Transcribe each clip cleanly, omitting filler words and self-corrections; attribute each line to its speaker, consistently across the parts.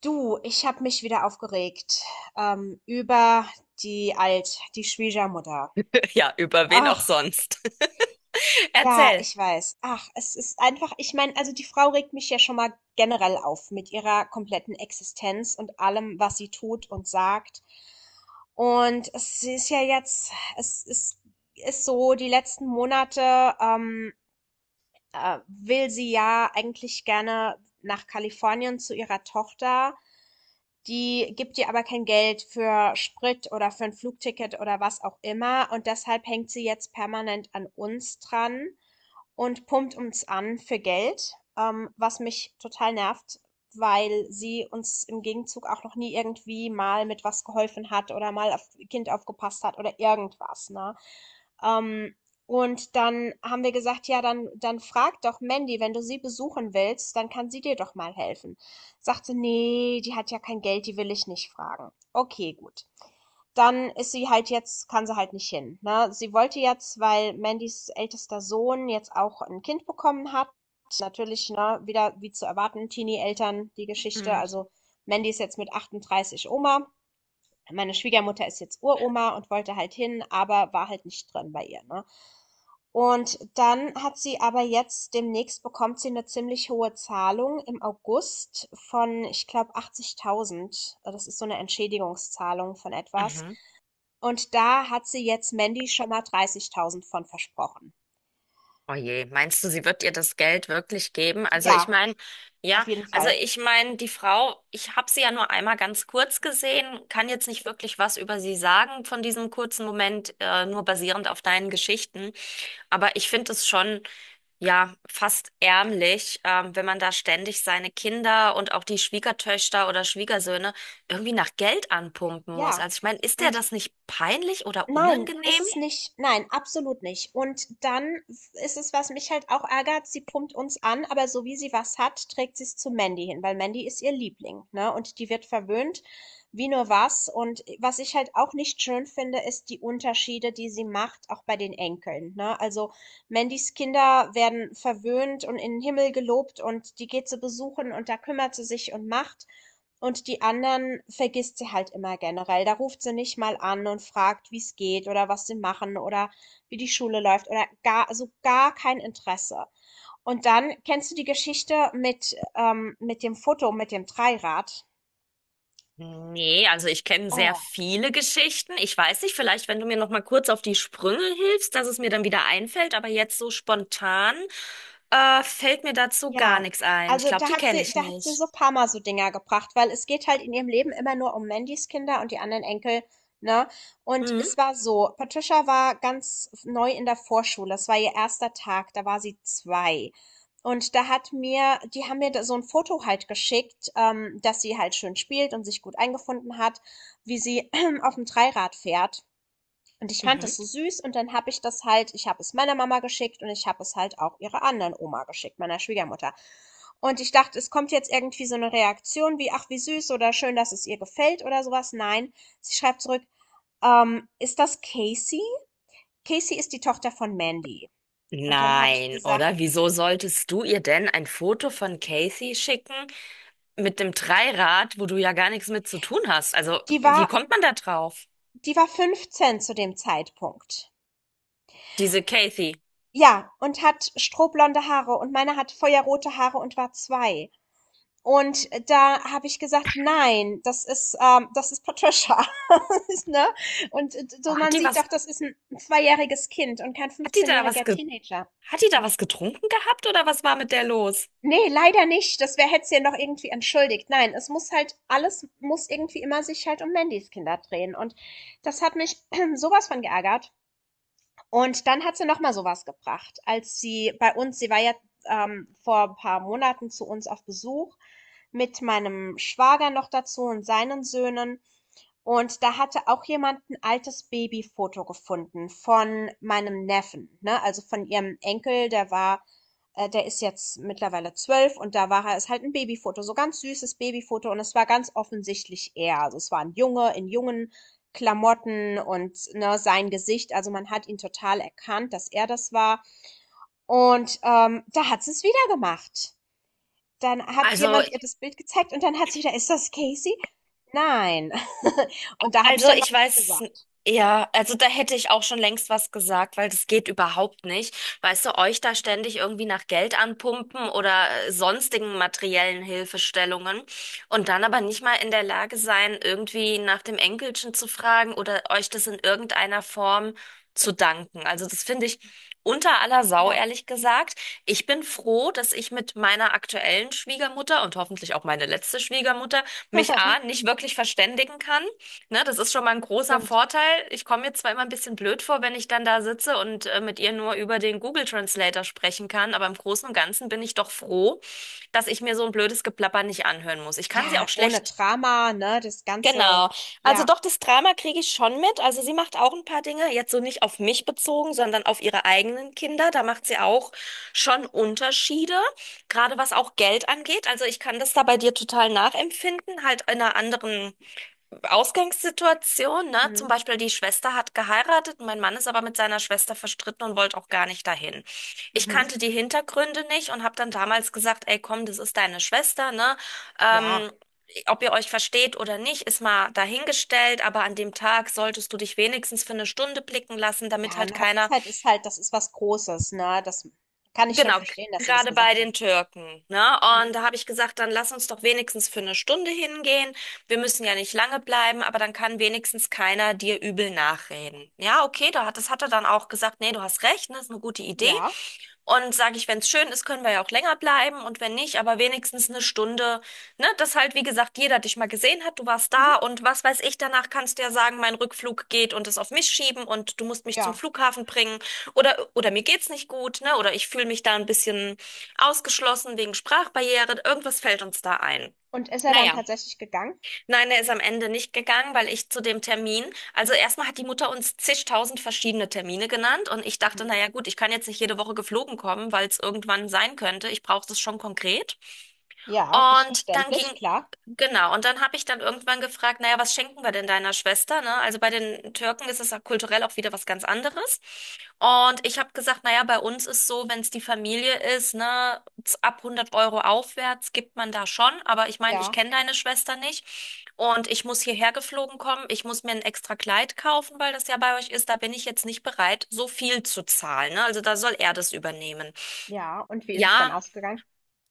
Speaker 1: Du, ich habe mich wieder aufgeregt über die Schwiegermutter.
Speaker 2: Ja, über wen auch
Speaker 1: Ach,
Speaker 2: sonst.
Speaker 1: ja,
Speaker 2: Erzähl.
Speaker 1: ich weiß. Ach, es ist einfach, ich meine, also die Frau regt mich ja schon mal generell auf mit ihrer kompletten Existenz und allem, was sie tut und sagt. Und es ist ja jetzt, es ist, ist so, die letzten Monate, will sie ja eigentlich gerne nach Kalifornien zu ihrer Tochter. Die gibt ihr aber kein Geld für Sprit oder für ein Flugticket oder was auch immer. Und deshalb hängt sie jetzt permanent an uns dran und pumpt uns an für Geld, was mich total nervt, weil sie uns im Gegenzug auch noch nie irgendwie mal mit was geholfen hat oder mal auf Kind aufgepasst hat oder irgendwas, ne? Ähm, und dann haben wir gesagt, ja, dann frag doch Mandy, wenn du sie besuchen willst, dann kann sie dir doch mal helfen. Sagte, nee, die hat ja kein Geld, die will ich nicht fragen. Okay, gut, dann ist sie halt jetzt, kann sie halt nicht hin. Ne? Sie wollte jetzt, weil Mandys ältester Sohn jetzt auch ein Kind bekommen hat, natürlich ne, wieder wie zu erwarten, Teenie-Eltern, die Geschichte.
Speaker 2: Hm.
Speaker 1: Also Mandy ist jetzt mit 38 Oma. Meine Schwiegermutter ist jetzt Uroma und wollte halt hin, aber war halt nicht drin bei ihr. Ne? Und dann hat sie aber jetzt demnächst bekommt sie eine ziemlich hohe Zahlung im August von, ich glaube, 80.000. Das ist so eine Entschädigungszahlung von etwas.
Speaker 2: Mhm.
Speaker 1: Und da hat sie jetzt Mandy schon mal 30.000 von versprochen.
Speaker 2: Oh je, meinst du, sie wird ihr das Geld wirklich geben? Also ich
Speaker 1: Ja,
Speaker 2: meine,
Speaker 1: auf
Speaker 2: ja,
Speaker 1: jeden
Speaker 2: also
Speaker 1: Fall.
Speaker 2: ich meine, die Frau, ich habe sie ja nur einmal ganz kurz gesehen, kann jetzt nicht wirklich was über sie sagen von diesem kurzen Moment, nur basierend auf deinen Geschichten. Aber ich finde es schon, ja, fast ärmlich, wenn man da ständig seine Kinder und auch die Schwiegertöchter oder Schwiegersöhne irgendwie nach Geld anpumpen muss.
Speaker 1: Ja.
Speaker 2: Also ich meine, ist der
Speaker 1: Und
Speaker 2: das nicht peinlich oder
Speaker 1: nein, ist
Speaker 2: unangenehm?
Speaker 1: es nicht. Nein, absolut nicht. Und dann ist es, was mich halt auch ärgert, sie pumpt uns an, aber so wie sie was hat, trägt sie es zu Mandy hin, weil Mandy ist ihr Liebling, ne? Und die wird verwöhnt, wie nur was. Und was ich halt auch nicht schön finde, ist die Unterschiede, die sie macht, auch bei den Enkeln, ne? Also Mandys Kinder werden verwöhnt und in den Himmel gelobt und die geht zu besuchen und da kümmert sie sich und macht. Und die anderen vergisst sie halt immer generell. Da ruft sie nicht mal an und fragt, wie's geht oder was sie machen oder wie die Schule läuft oder gar, also gar kein Interesse. Und dann kennst du die Geschichte mit dem Foto, mit dem Dreirad?
Speaker 2: Nee, also ich kenne sehr
Speaker 1: Oh,
Speaker 2: viele Geschichten. Ich weiß nicht, vielleicht, wenn du mir noch mal kurz auf die Sprünge hilfst, dass es mir dann wieder einfällt, aber jetzt so spontan, fällt mir dazu gar
Speaker 1: ja,
Speaker 2: nichts ein. Ich
Speaker 1: also
Speaker 2: glaube, die kenne ich
Speaker 1: da hat sie
Speaker 2: nicht.
Speaker 1: so paar Mal so Dinger gebracht, weil es geht halt in ihrem Leben immer nur um Mandys Kinder und die anderen Enkel, ne? Und es
Speaker 2: Mhm.
Speaker 1: war so, Patricia war ganz neu in der Vorschule, es war ihr erster Tag, da war sie zwei. Und die haben mir da so ein Foto halt geschickt, dass sie halt schön spielt und sich gut eingefunden hat, wie sie auf dem Dreirad fährt. Und ich fand
Speaker 2: Mhm.
Speaker 1: das so süß und dann habe ich habe es meiner Mama geschickt und ich habe es halt auch ihrer anderen Oma geschickt, meiner Schwiegermutter. Und ich dachte, es kommt jetzt irgendwie so eine Reaktion wie, ach, wie süß oder schön, dass es ihr gefällt oder sowas. Nein, sie schreibt zurück, ist das Casey? Casey ist die Tochter von Mandy. Und dann habe ich
Speaker 2: Nein,
Speaker 1: gesagt,
Speaker 2: oder? Wieso solltest du ihr denn ein Foto von Casey schicken? Mit dem Dreirad, wo du ja gar nichts mit zu tun hast. Also,
Speaker 1: die
Speaker 2: wie
Speaker 1: war,
Speaker 2: kommt man da drauf?
Speaker 1: die war 15 zu dem Zeitpunkt.
Speaker 2: Diese Kathy.
Speaker 1: Ja, und hat strohblonde Haare und meine hat feuerrote Haare und war zwei. Und da habe ich gesagt, nein, das ist Patricia. Ne? Und
Speaker 2: Oh,
Speaker 1: so, man sieht doch, das ist ein zweijähriges Kind und kein
Speaker 2: hat die da was
Speaker 1: 15-jähriger
Speaker 2: ge,
Speaker 1: Teenager.
Speaker 2: hat die da was getrunken gehabt oder was war mit der los?
Speaker 1: Nee, leider nicht. Das wäre hätte sie ja noch irgendwie entschuldigt. Nein, alles muss irgendwie immer sich halt um Mandys Kinder drehen. Und das hat mich sowas von geärgert. Und dann hat sie noch mal so was gebracht, als sie bei uns sie war ja, vor ein paar Monaten zu uns auf Besuch mit meinem Schwager noch dazu und seinen Söhnen. Und da hatte auch jemand ein altes Babyfoto gefunden von meinem Neffen, ne? Also, von ihrem Enkel, der ist jetzt mittlerweile 12 und da war er ist halt ein Babyfoto, so ganz süßes Babyfoto und es war ganz offensichtlich er. Also, es war ein Junge in jungen Klamotten und, ne, sein Gesicht. Also, man hat ihn total erkannt, dass er das war. Und da hat sie es wieder gemacht. Dann hat
Speaker 2: Also
Speaker 1: jemand ihr das Bild gezeigt und dann hat sie wieder: „Ist das Casey?" Nein. Und da habe ich
Speaker 2: Also
Speaker 1: dann mal
Speaker 2: ich
Speaker 1: was
Speaker 2: weiß,
Speaker 1: gesagt.
Speaker 2: ja, also da hätte ich auch schon längst was gesagt, weil das geht überhaupt nicht. Weißt du, euch da ständig irgendwie nach Geld anpumpen oder sonstigen materiellen Hilfestellungen und dann aber nicht mal in der Lage sein, irgendwie nach dem Enkelchen zu fragen oder euch das in irgendeiner Form zu danken. Also das finde ich unter aller Sau,
Speaker 1: Ja,
Speaker 2: ehrlich gesagt. Ich bin froh, dass ich mit meiner aktuellen Schwiegermutter und hoffentlich auch meine letzte Schwiegermutter mich A, nicht wirklich verständigen kann. Ne, das ist schon mal ein großer
Speaker 1: stimmt.
Speaker 2: Vorteil. Ich komme mir zwar immer ein bisschen blöd vor, wenn ich dann da sitze und mit ihr nur über den Google Translator sprechen kann, aber im Großen und Ganzen bin ich doch froh, dass ich mir so ein blödes Geplapper nicht anhören muss. Ich kann sie
Speaker 1: Ja,
Speaker 2: auch
Speaker 1: ohne
Speaker 2: schlecht.
Speaker 1: Drama, ne, das Ganze,
Speaker 2: Genau. Also
Speaker 1: ja.
Speaker 2: doch, das Drama kriege ich schon mit. Also sie macht auch ein paar Dinge, jetzt so nicht auf mich bezogen, sondern auf ihre eigenen Kinder. Da macht sie auch schon Unterschiede, gerade was auch Geld angeht. Also ich kann das da bei dir total nachempfinden, halt in einer anderen Ausgangssituation, ne?
Speaker 1: Mhm.
Speaker 2: Zum Beispiel die Schwester hat geheiratet, mein Mann ist aber mit seiner Schwester verstritten und wollte auch gar nicht dahin. Ich
Speaker 1: Mhm.
Speaker 2: kannte die Hintergründe nicht und habe dann damals gesagt, ey, komm, das ist deine Schwester, ne?
Speaker 1: Ja,
Speaker 2: Ähm, ob ihr euch versteht oder nicht, ist mal dahingestellt, aber an dem Tag solltest du dich wenigstens für eine Stunde blicken lassen, damit
Speaker 1: ja,
Speaker 2: halt
Speaker 1: eine
Speaker 2: keiner.
Speaker 1: Hochzeit ist halt, das ist was Großes, ne, das kann ich schon
Speaker 2: Genau,
Speaker 1: verstehen, dass du das
Speaker 2: gerade
Speaker 1: gesagt
Speaker 2: bei den
Speaker 1: hast.
Speaker 2: Türken, ne?
Speaker 1: Mhm.
Speaker 2: Und da habe ich gesagt, dann lass uns doch wenigstens für eine Stunde hingehen. Wir müssen ja nicht lange bleiben, aber dann kann wenigstens keiner dir übel nachreden. Ja, okay, da hat, das hat er dann auch gesagt, nee, du hast recht, ne, ist eine gute Idee.
Speaker 1: Ja,
Speaker 2: Und sage ich, wenn es schön ist, können wir ja auch länger bleiben und wenn nicht, aber wenigstens eine Stunde, ne? Dass halt, wie gesagt, jeder dich mal gesehen hat, du warst
Speaker 1: mhm,
Speaker 2: da und was weiß ich, danach kannst du ja sagen, mein Rückflug geht und es auf mich schieben und du musst mich zum
Speaker 1: ja.
Speaker 2: Flughafen bringen oder mir geht's nicht gut, ne? Oder ich fühle mich da ein bisschen ausgeschlossen wegen Sprachbarriere. Irgendwas fällt uns da ein.
Speaker 1: Und ist er dann
Speaker 2: Naja.
Speaker 1: tatsächlich gegangen?
Speaker 2: Nein, er ist am Ende nicht gegangen, weil ich zu dem Termin, also erstmal hat die Mutter uns zigtausend verschiedene Termine genannt und ich dachte,
Speaker 1: Mhm.
Speaker 2: naja gut, ich kann jetzt nicht jede Woche geflogen kommen, weil es irgendwann sein könnte. Ich brauche das schon konkret.
Speaker 1: Ja, ist
Speaker 2: Und dann ging,
Speaker 1: verständlich, klar.
Speaker 2: genau, und dann habe ich dann irgendwann gefragt, naja, was schenken wir denn deiner Schwester, ne? Also bei den Türken ist es auch kulturell auch wieder was ganz anderes. Und ich habe gesagt, naja, bei uns ist so, wenn es die Familie ist, ne, ab 100 Euro aufwärts gibt man da schon. Aber ich meine, ich
Speaker 1: Ja,
Speaker 2: kenne deine Schwester nicht. Und ich muss hierher geflogen kommen. Ich muss mir ein extra Kleid kaufen, weil das ja bei euch ist. Da bin ich jetzt nicht bereit, so viel zu zahlen, ne? Also da soll er das übernehmen.
Speaker 1: ja. Und wie ist es dann
Speaker 2: Ja,
Speaker 1: ausgegangen?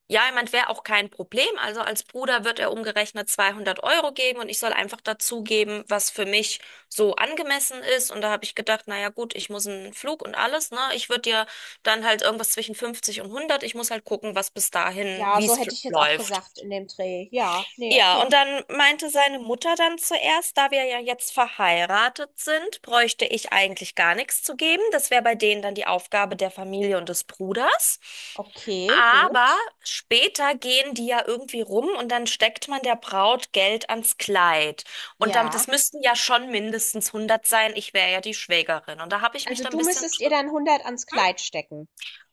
Speaker 2: ja, ich meine, wäre auch kein Problem. Also als Bruder wird er umgerechnet 200 Euro geben und ich soll einfach dazugeben, was für mich so angemessen ist. Und da habe ich gedacht, naja gut, ich muss einen Flug und alles, ne? Ich würde dir dann halt irgendwas zwischen 50 und 100. Ich muss halt gucken, was bis dahin,
Speaker 1: Ja,
Speaker 2: wie
Speaker 1: so
Speaker 2: es
Speaker 1: hätte ich jetzt auch
Speaker 2: läuft.
Speaker 1: gesagt in dem Dreh. Ja, nee,
Speaker 2: Ja,
Speaker 1: okay.
Speaker 2: und dann meinte seine Mutter dann zuerst, da wir ja jetzt verheiratet sind, bräuchte ich eigentlich gar nichts zu geben. Das wäre bei denen dann die Aufgabe der Familie und des Bruders.
Speaker 1: Okay,
Speaker 2: Aber
Speaker 1: gut.
Speaker 2: später gehen die ja irgendwie rum und dann steckt man der Braut Geld ans Kleid. Und damit,
Speaker 1: Ja.
Speaker 2: das müssten ja schon mindestens 100 sein. Ich wäre ja die Schwägerin. Und da habe ich mich
Speaker 1: Also,
Speaker 2: dann ein
Speaker 1: du
Speaker 2: bisschen
Speaker 1: müsstest ihr dann 100 ans Kleid stecken.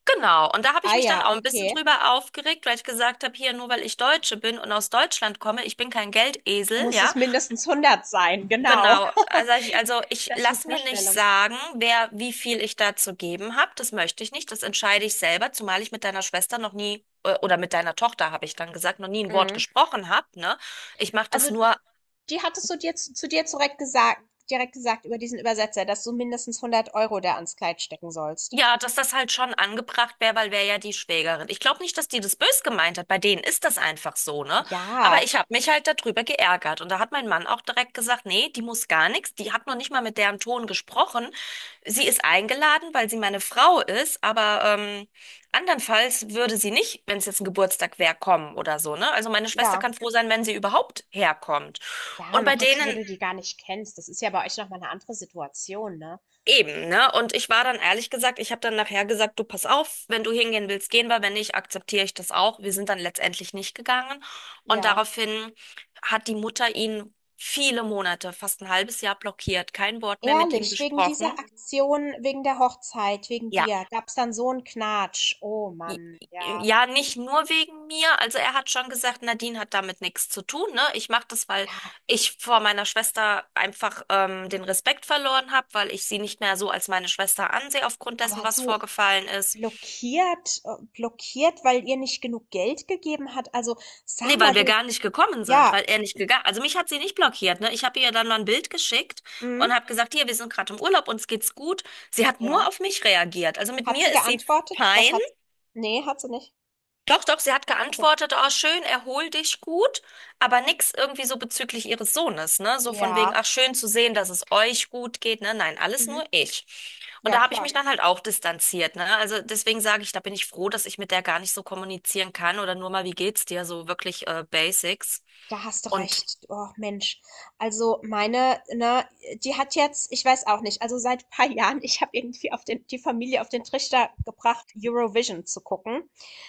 Speaker 2: genau. Und da habe
Speaker 1: Ah
Speaker 2: ich mich dann
Speaker 1: ja,
Speaker 2: auch ein bisschen
Speaker 1: okay.
Speaker 2: drüber aufgeregt, weil ich gesagt habe, hier nur weil ich Deutsche bin und aus Deutschland komme, ich bin kein Geldesel,
Speaker 1: Muss es
Speaker 2: ja.
Speaker 1: mindestens 100 sein, genau.
Speaker 2: Genau, also ich
Speaker 1: Das für
Speaker 2: lasse mir nicht
Speaker 1: Vorstellung.
Speaker 2: sagen, wer wie viel ich da zu geben habe. Das möchte ich nicht. Das entscheide ich selber, zumal ich mit deiner Schwester noch nie oder mit deiner Tochter, habe ich dann gesagt, noch nie ein Wort
Speaker 1: Mhm.
Speaker 2: gesprochen habe, ne? Ich mache das
Speaker 1: Also,
Speaker 2: nur.
Speaker 1: die hattest du dir zu dir direkt gesagt über diesen Übersetzer, dass du mindestens 100 Euro da ans Kleid stecken sollst.
Speaker 2: Ja, dass das halt schon angebracht wäre, weil wäre ja die Schwägerin. Ich glaube nicht, dass die das bös gemeint hat. Bei denen ist das einfach so, ne? Aber
Speaker 1: Ja,
Speaker 2: ich habe mich halt darüber geärgert. Und da hat mein Mann auch direkt gesagt, nee, die muss gar nichts. Die hat noch nicht mal mit deren Ton gesprochen. Sie ist eingeladen, weil sie meine Frau ist. Aber andernfalls würde sie nicht, wenn es jetzt ein Geburtstag wäre, kommen oder so, ne? Also meine Schwester
Speaker 1: ja,
Speaker 2: kann froh sein, wenn sie überhaupt herkommt.
Speaker 1: ja,
Speaker 2: Und
Speaker 1: noch
Speaker 2: bei
Speaker 1: dazu, wo
Speaker 2: denen
Speaker 1: du die gar nicht kennst. Das ist ja bei euch nochmal eine andere Situation, ne?
Speaker 2: Eben, ne? Und ich war dann ehrlich gesagt, ich habe dann nachher gesagt, du pass auf, wenn du hingehen willst, gehen wir, wenn nicht, akzeptiere ich das auch. Wir sind dann letztendlich nicht gegangen. Und
Speaker 1: Ja.
Speaker 2: daraufhin hat die Mutter ihn viele Monate, fast ein halbes Jahr blockiert, kein Wort mehr mit ihm
Speaker 1: Ehrlich, wegen dieser
Speaker 2: gesprochen.
Speaker 1: Aktion, wegen der Hochzeit, wegen
Speaker 2: Ja,
Speaker 1: dir, gab's dann so einen Knatsch. Oh
Speaker 2: i-
Speaker 1: Mann, ja,
Speaker 2: ja, nicht nur wegen mir. Also er hat schon gesagt, Nadine hat damit nichts zu tun, ne? Ich mache das, weil
Speaker 1: ja.
Speaker 2: ich vor meiner Schwester einfach den Respekt verloren habe, weil ich sie nicht mehr so als meine Schwester ansehe aufgrund dessen,
Speaker 1: Aber
Speaker 2: was
Speaker 1: du,
Speaker 2: vorgefallen ist.
Speaker 1: Blockiert, weil ihr nicht genug Geld gegeben hat? Also, sag
Speaker 2: Nee, weil
Speaker 1: mal
Speaker 2: wir
Speaker 1: du,
Speaker 2: gar nicht gekommen sind,
Speaker 1: ja,
Speaker 2: weil er nicht gegangen. Also mich hat sie nicht blockiert, ne? Ich habe ihr dann mal ein Bild geschickt und
Speaker 1: mhm,
Speaker 2: habe gesagt, hier, wir sind gerade im Urlaub, uns geht's gut. Sie hat
Speaker 1: ja.
Speaker 2: nur auf mich reagiert. Also mit
Speaker 1: Hat sie
Speaker 2: mir ist sie
Speaker 1: geantwortet? Was
Speaker 2: fein,
Speaker 1: hat sie? Nee, hat sie nicht.
Speaker 2: doch, doch, sie hat
Speaker 1: Also,
Speaker 2: geantwortet, oh, schön, erhol dich gut, aber nix irgendwie so bezüglich ihres Sohnes, ne? So von wegen,
Speaker 1: ja,
Speaker 2: ach, schön zu sehen, dass es euch gut geht, ne? Nein, alles
Speaker 1: mhm,
Speaker 2: nur ich. Und
Speaker 1: ja,
Speaker 2: da habe ich
Speaker 1: klar.
Speaker 2: mich dann halt auch distanziert, ne? Also deswegen sage ich, da bin ich froh, dass ich mit der gar nicht so kommunizieren kann oder nur mal, wie geht's dir, so wirklich Basics.
Speaker 1: Da hast du
Speaker 2: Und
Speaker 1: recht. Oh Mensch. Also, meine, ne, die hat jetzt ich weiß auch nicht, also seit ein paar Jahren ich habe irgendwie auf den die Familie auf den Trichter gebracht, Eurovision zu gucken.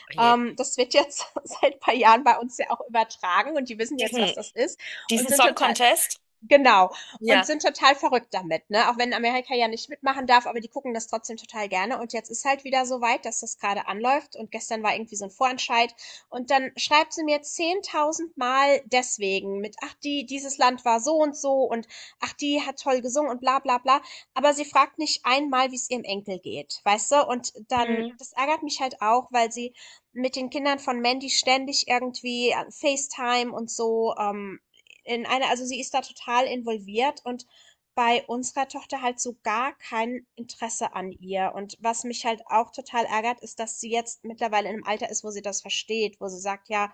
Speaker 2: oh je,
Speaker 1: Das wird jetzt seit ein paar Jahren bei uns ja auch übertragen und die wissen jetzt, was
Speaker 2: diesen,
Speaker 1: das ist und
Speaker 2: diesen
Speaker 1: sind
Speaker 2: Song
Speaker 1: total.
Speaker 2: Contest,
Speaker 1: Genau. Und
Speaker 2: ja.
Speaker 1: sind total verrückt damit, ne? Auch wenn Amerika ja nicht mitmachen darf, aber die gucken das trotzdem total gerne. Und jetzt ist halt wieder so weit, dass das gerade anläuft. Und gestern war irgendwie so ein Vorentscheid. Und dann schreibt sie mir 10.000 Mal deswegen mit, ach, die, dieses Land war so und so und ach, die hat toll gesungen und bla, bla, bla. Aber sie fragt nicht einmal, wie es ihrem Enkel geht, weißt du? Und dann,
Speaker 2: Mhm.
Speaker 1: das ärgert mich halt auch, weil sie mit den Kindern von Mandy ständig irgendwie an FaceTime und so also sie ist da total involviert und bei unserer Tochter halt so gar kein Interesse an ihr. Und was mich halt auch total ärgert, ist, dass sie jetzt mittlerweile in einem Alter ist, wo sie das versteht, wo sie sagt, ja,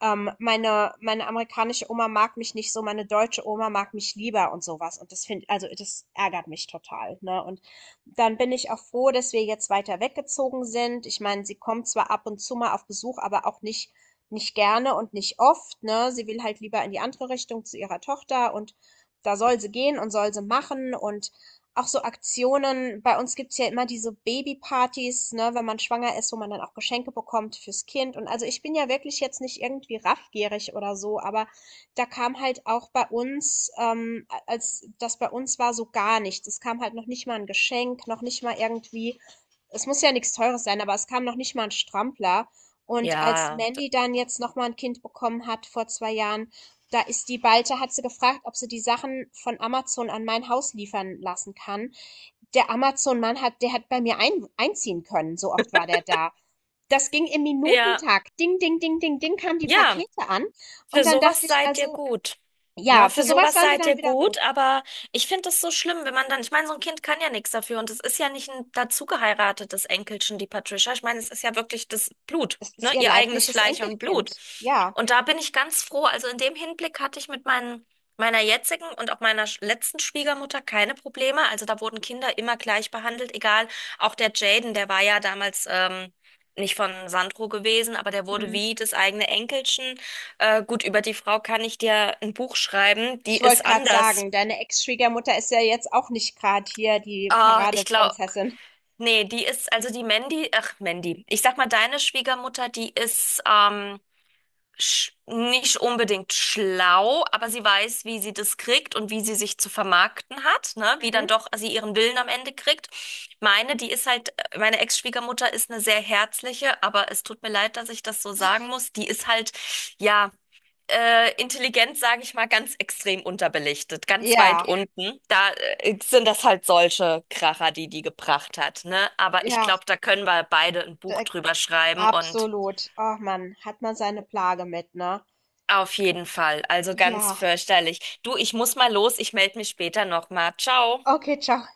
Speaker 1: meine amerikanische Oma mag mich nicht so, meine deutsche Oma mag mich lieber und sowas. Also das ärgert mich total, ne? Und dann bin ich auch froh, dass wir jetzt weiter weggezogen sind. Ich meine, sie kommt zwar ab und zu mal auf Besuch, aber auch nicht, nicht gerne und nicht oft, ne? Sie will halt lieber in die andere Richtung zu ihrer Tochter und da soll sie gehen und soll sie machen und auch so Aktionen. Bei uns gibt's ja immer diese Babypartys, ne, wenn man schwanger ist, wo man dann auch Geschenke bekommt fürs Kind. Und also ich bin ja wirklich jetzt nicht irgendwie raffgierig oder so, aber da kam halt auch bei uns, als das bei uns war, so gar nichts. Es kam halt noch nicht mal ein Geschenk, noch nicht mal irgendwie, es muss ja nichts Teures sein, aber es kam noch nicht mal ein Strampler. Und als
Speaker 2: Ja.
Speaker 1: Mandy dann jetzt noch mal ein Kind bekommen hat vor 2 Jahren, da ist die Balte, hat sie gefragt, ob sie die Sachen von Amazon an mein Haus liefern lassen kann. Der Amazon-Mann der hat bei mir einziehen können, so oft war der da. Das ging im
Speaker 2: Ja.
Speaker 1: Minutentakt. Ding, ding, ding, ding, ding kamen die
Speaker 2: Ja,
Speaker 1: Pakete an.
Speaker 2: für
Speaker 1: Und dann dachte
Speaker 2: sowas
Speaker 1: ich
Speaker 2: seid ihr
Speaker 1: also,
Speaker 2: gut. Na,
Speaker 1: ja,
Speaker 2: für
Speaker 1: für
Speaker 2: Ja.
Speaker 1: sowas
Speaker 2: sowas
Speaker 1: waren wir
Speaker 2: seid ihr
Speaker 1: dann wieder gut.
Speaker 2: gut, aber ich finde es so schlimm, wenn man dann, ich meine, so ein Kind kann ja nichts dafür und es ist ja nicht ein dazu geheiratetes Enkelchen, die Patricia. Ich meine, es ist ja wirklich das Blut,
Speaker 1: Das ist
Speaker 2: ne?
Speaker 1: ihr
Speaker 2: Ihr eigenes
Speaker 1: leibliches
Speaker 2: Fleisch und Blut.
Speaker 1: Enkelkind. Ja.
Speaker 2: Und da bin ich ganz froh. Also in dem Hinblick hatte ich mit meiner jetzigen und auch meiner letzten Schwiegermutter keine Probleme. Also da wurden Kinder immer gleich behandelt, egal. Auch der Jaden, der war ja damals, nicht von Sandro gewesen, aber der wurde
Speaker 1: Hm.
Speaker 2: wie das eigene Enkelchen. Gut, über die Frau kann ich dir ein Buch schreiben. Die
Speaker 1: Ich wollte
Speaker 2: ist
Speaker 1: gerade
Speaker 2: anders.
Speaker 1: sagen, deine Ex-Schwiegermutter ist ja jetzt auch nicht gerade hier die
Speaker 2: Ah, ich glaube,
Speaker 1: Paradeprinzessin.
Speaker 2: nee, die ist, also die Mandy, ach, Mandy. Ich sag mal, deine Schwiegermutter, die ist sch nicht unbedingt schlau, aber sie weiß, wie sie das kriegt und wie sie sich zu vermarkten hat, ne? Wie dann
Speaker 1: Mhm.
Speaker 2: doch sie ihren Willen am Ende kriegt. Meine, die ist halt, meine Ex-Schwiegermutter ist eine sehr herzliche, aber es tut mir leid, dass ich das so sagen muss. Die ist halt, ja, Intelligenz, sage ich mal, ganz extrem unterbelichtet, ganz weit
Speaker 1: Ja,
Speaker 2: unten. Da sind das halt solche Kracher, die die gebracht hat, ne? Aber ich
Speaker 1: ja,
Speaker 2: glaube, da können wir beide ein Buch
Speaker 1: da
Speaker 2: drüber schreiben und
Speaker 1: absolut. Oh Mann, hat man seine Plage mit, ne?
Speaker 2: auf jeden Fall. Also ganz
Speaker 1: Ja.
Speaker 2: fürchterlich. Du, ich muss mal los. Ich melde mich später nochmal. Ciao.
Speaker 1: Okay, ciao.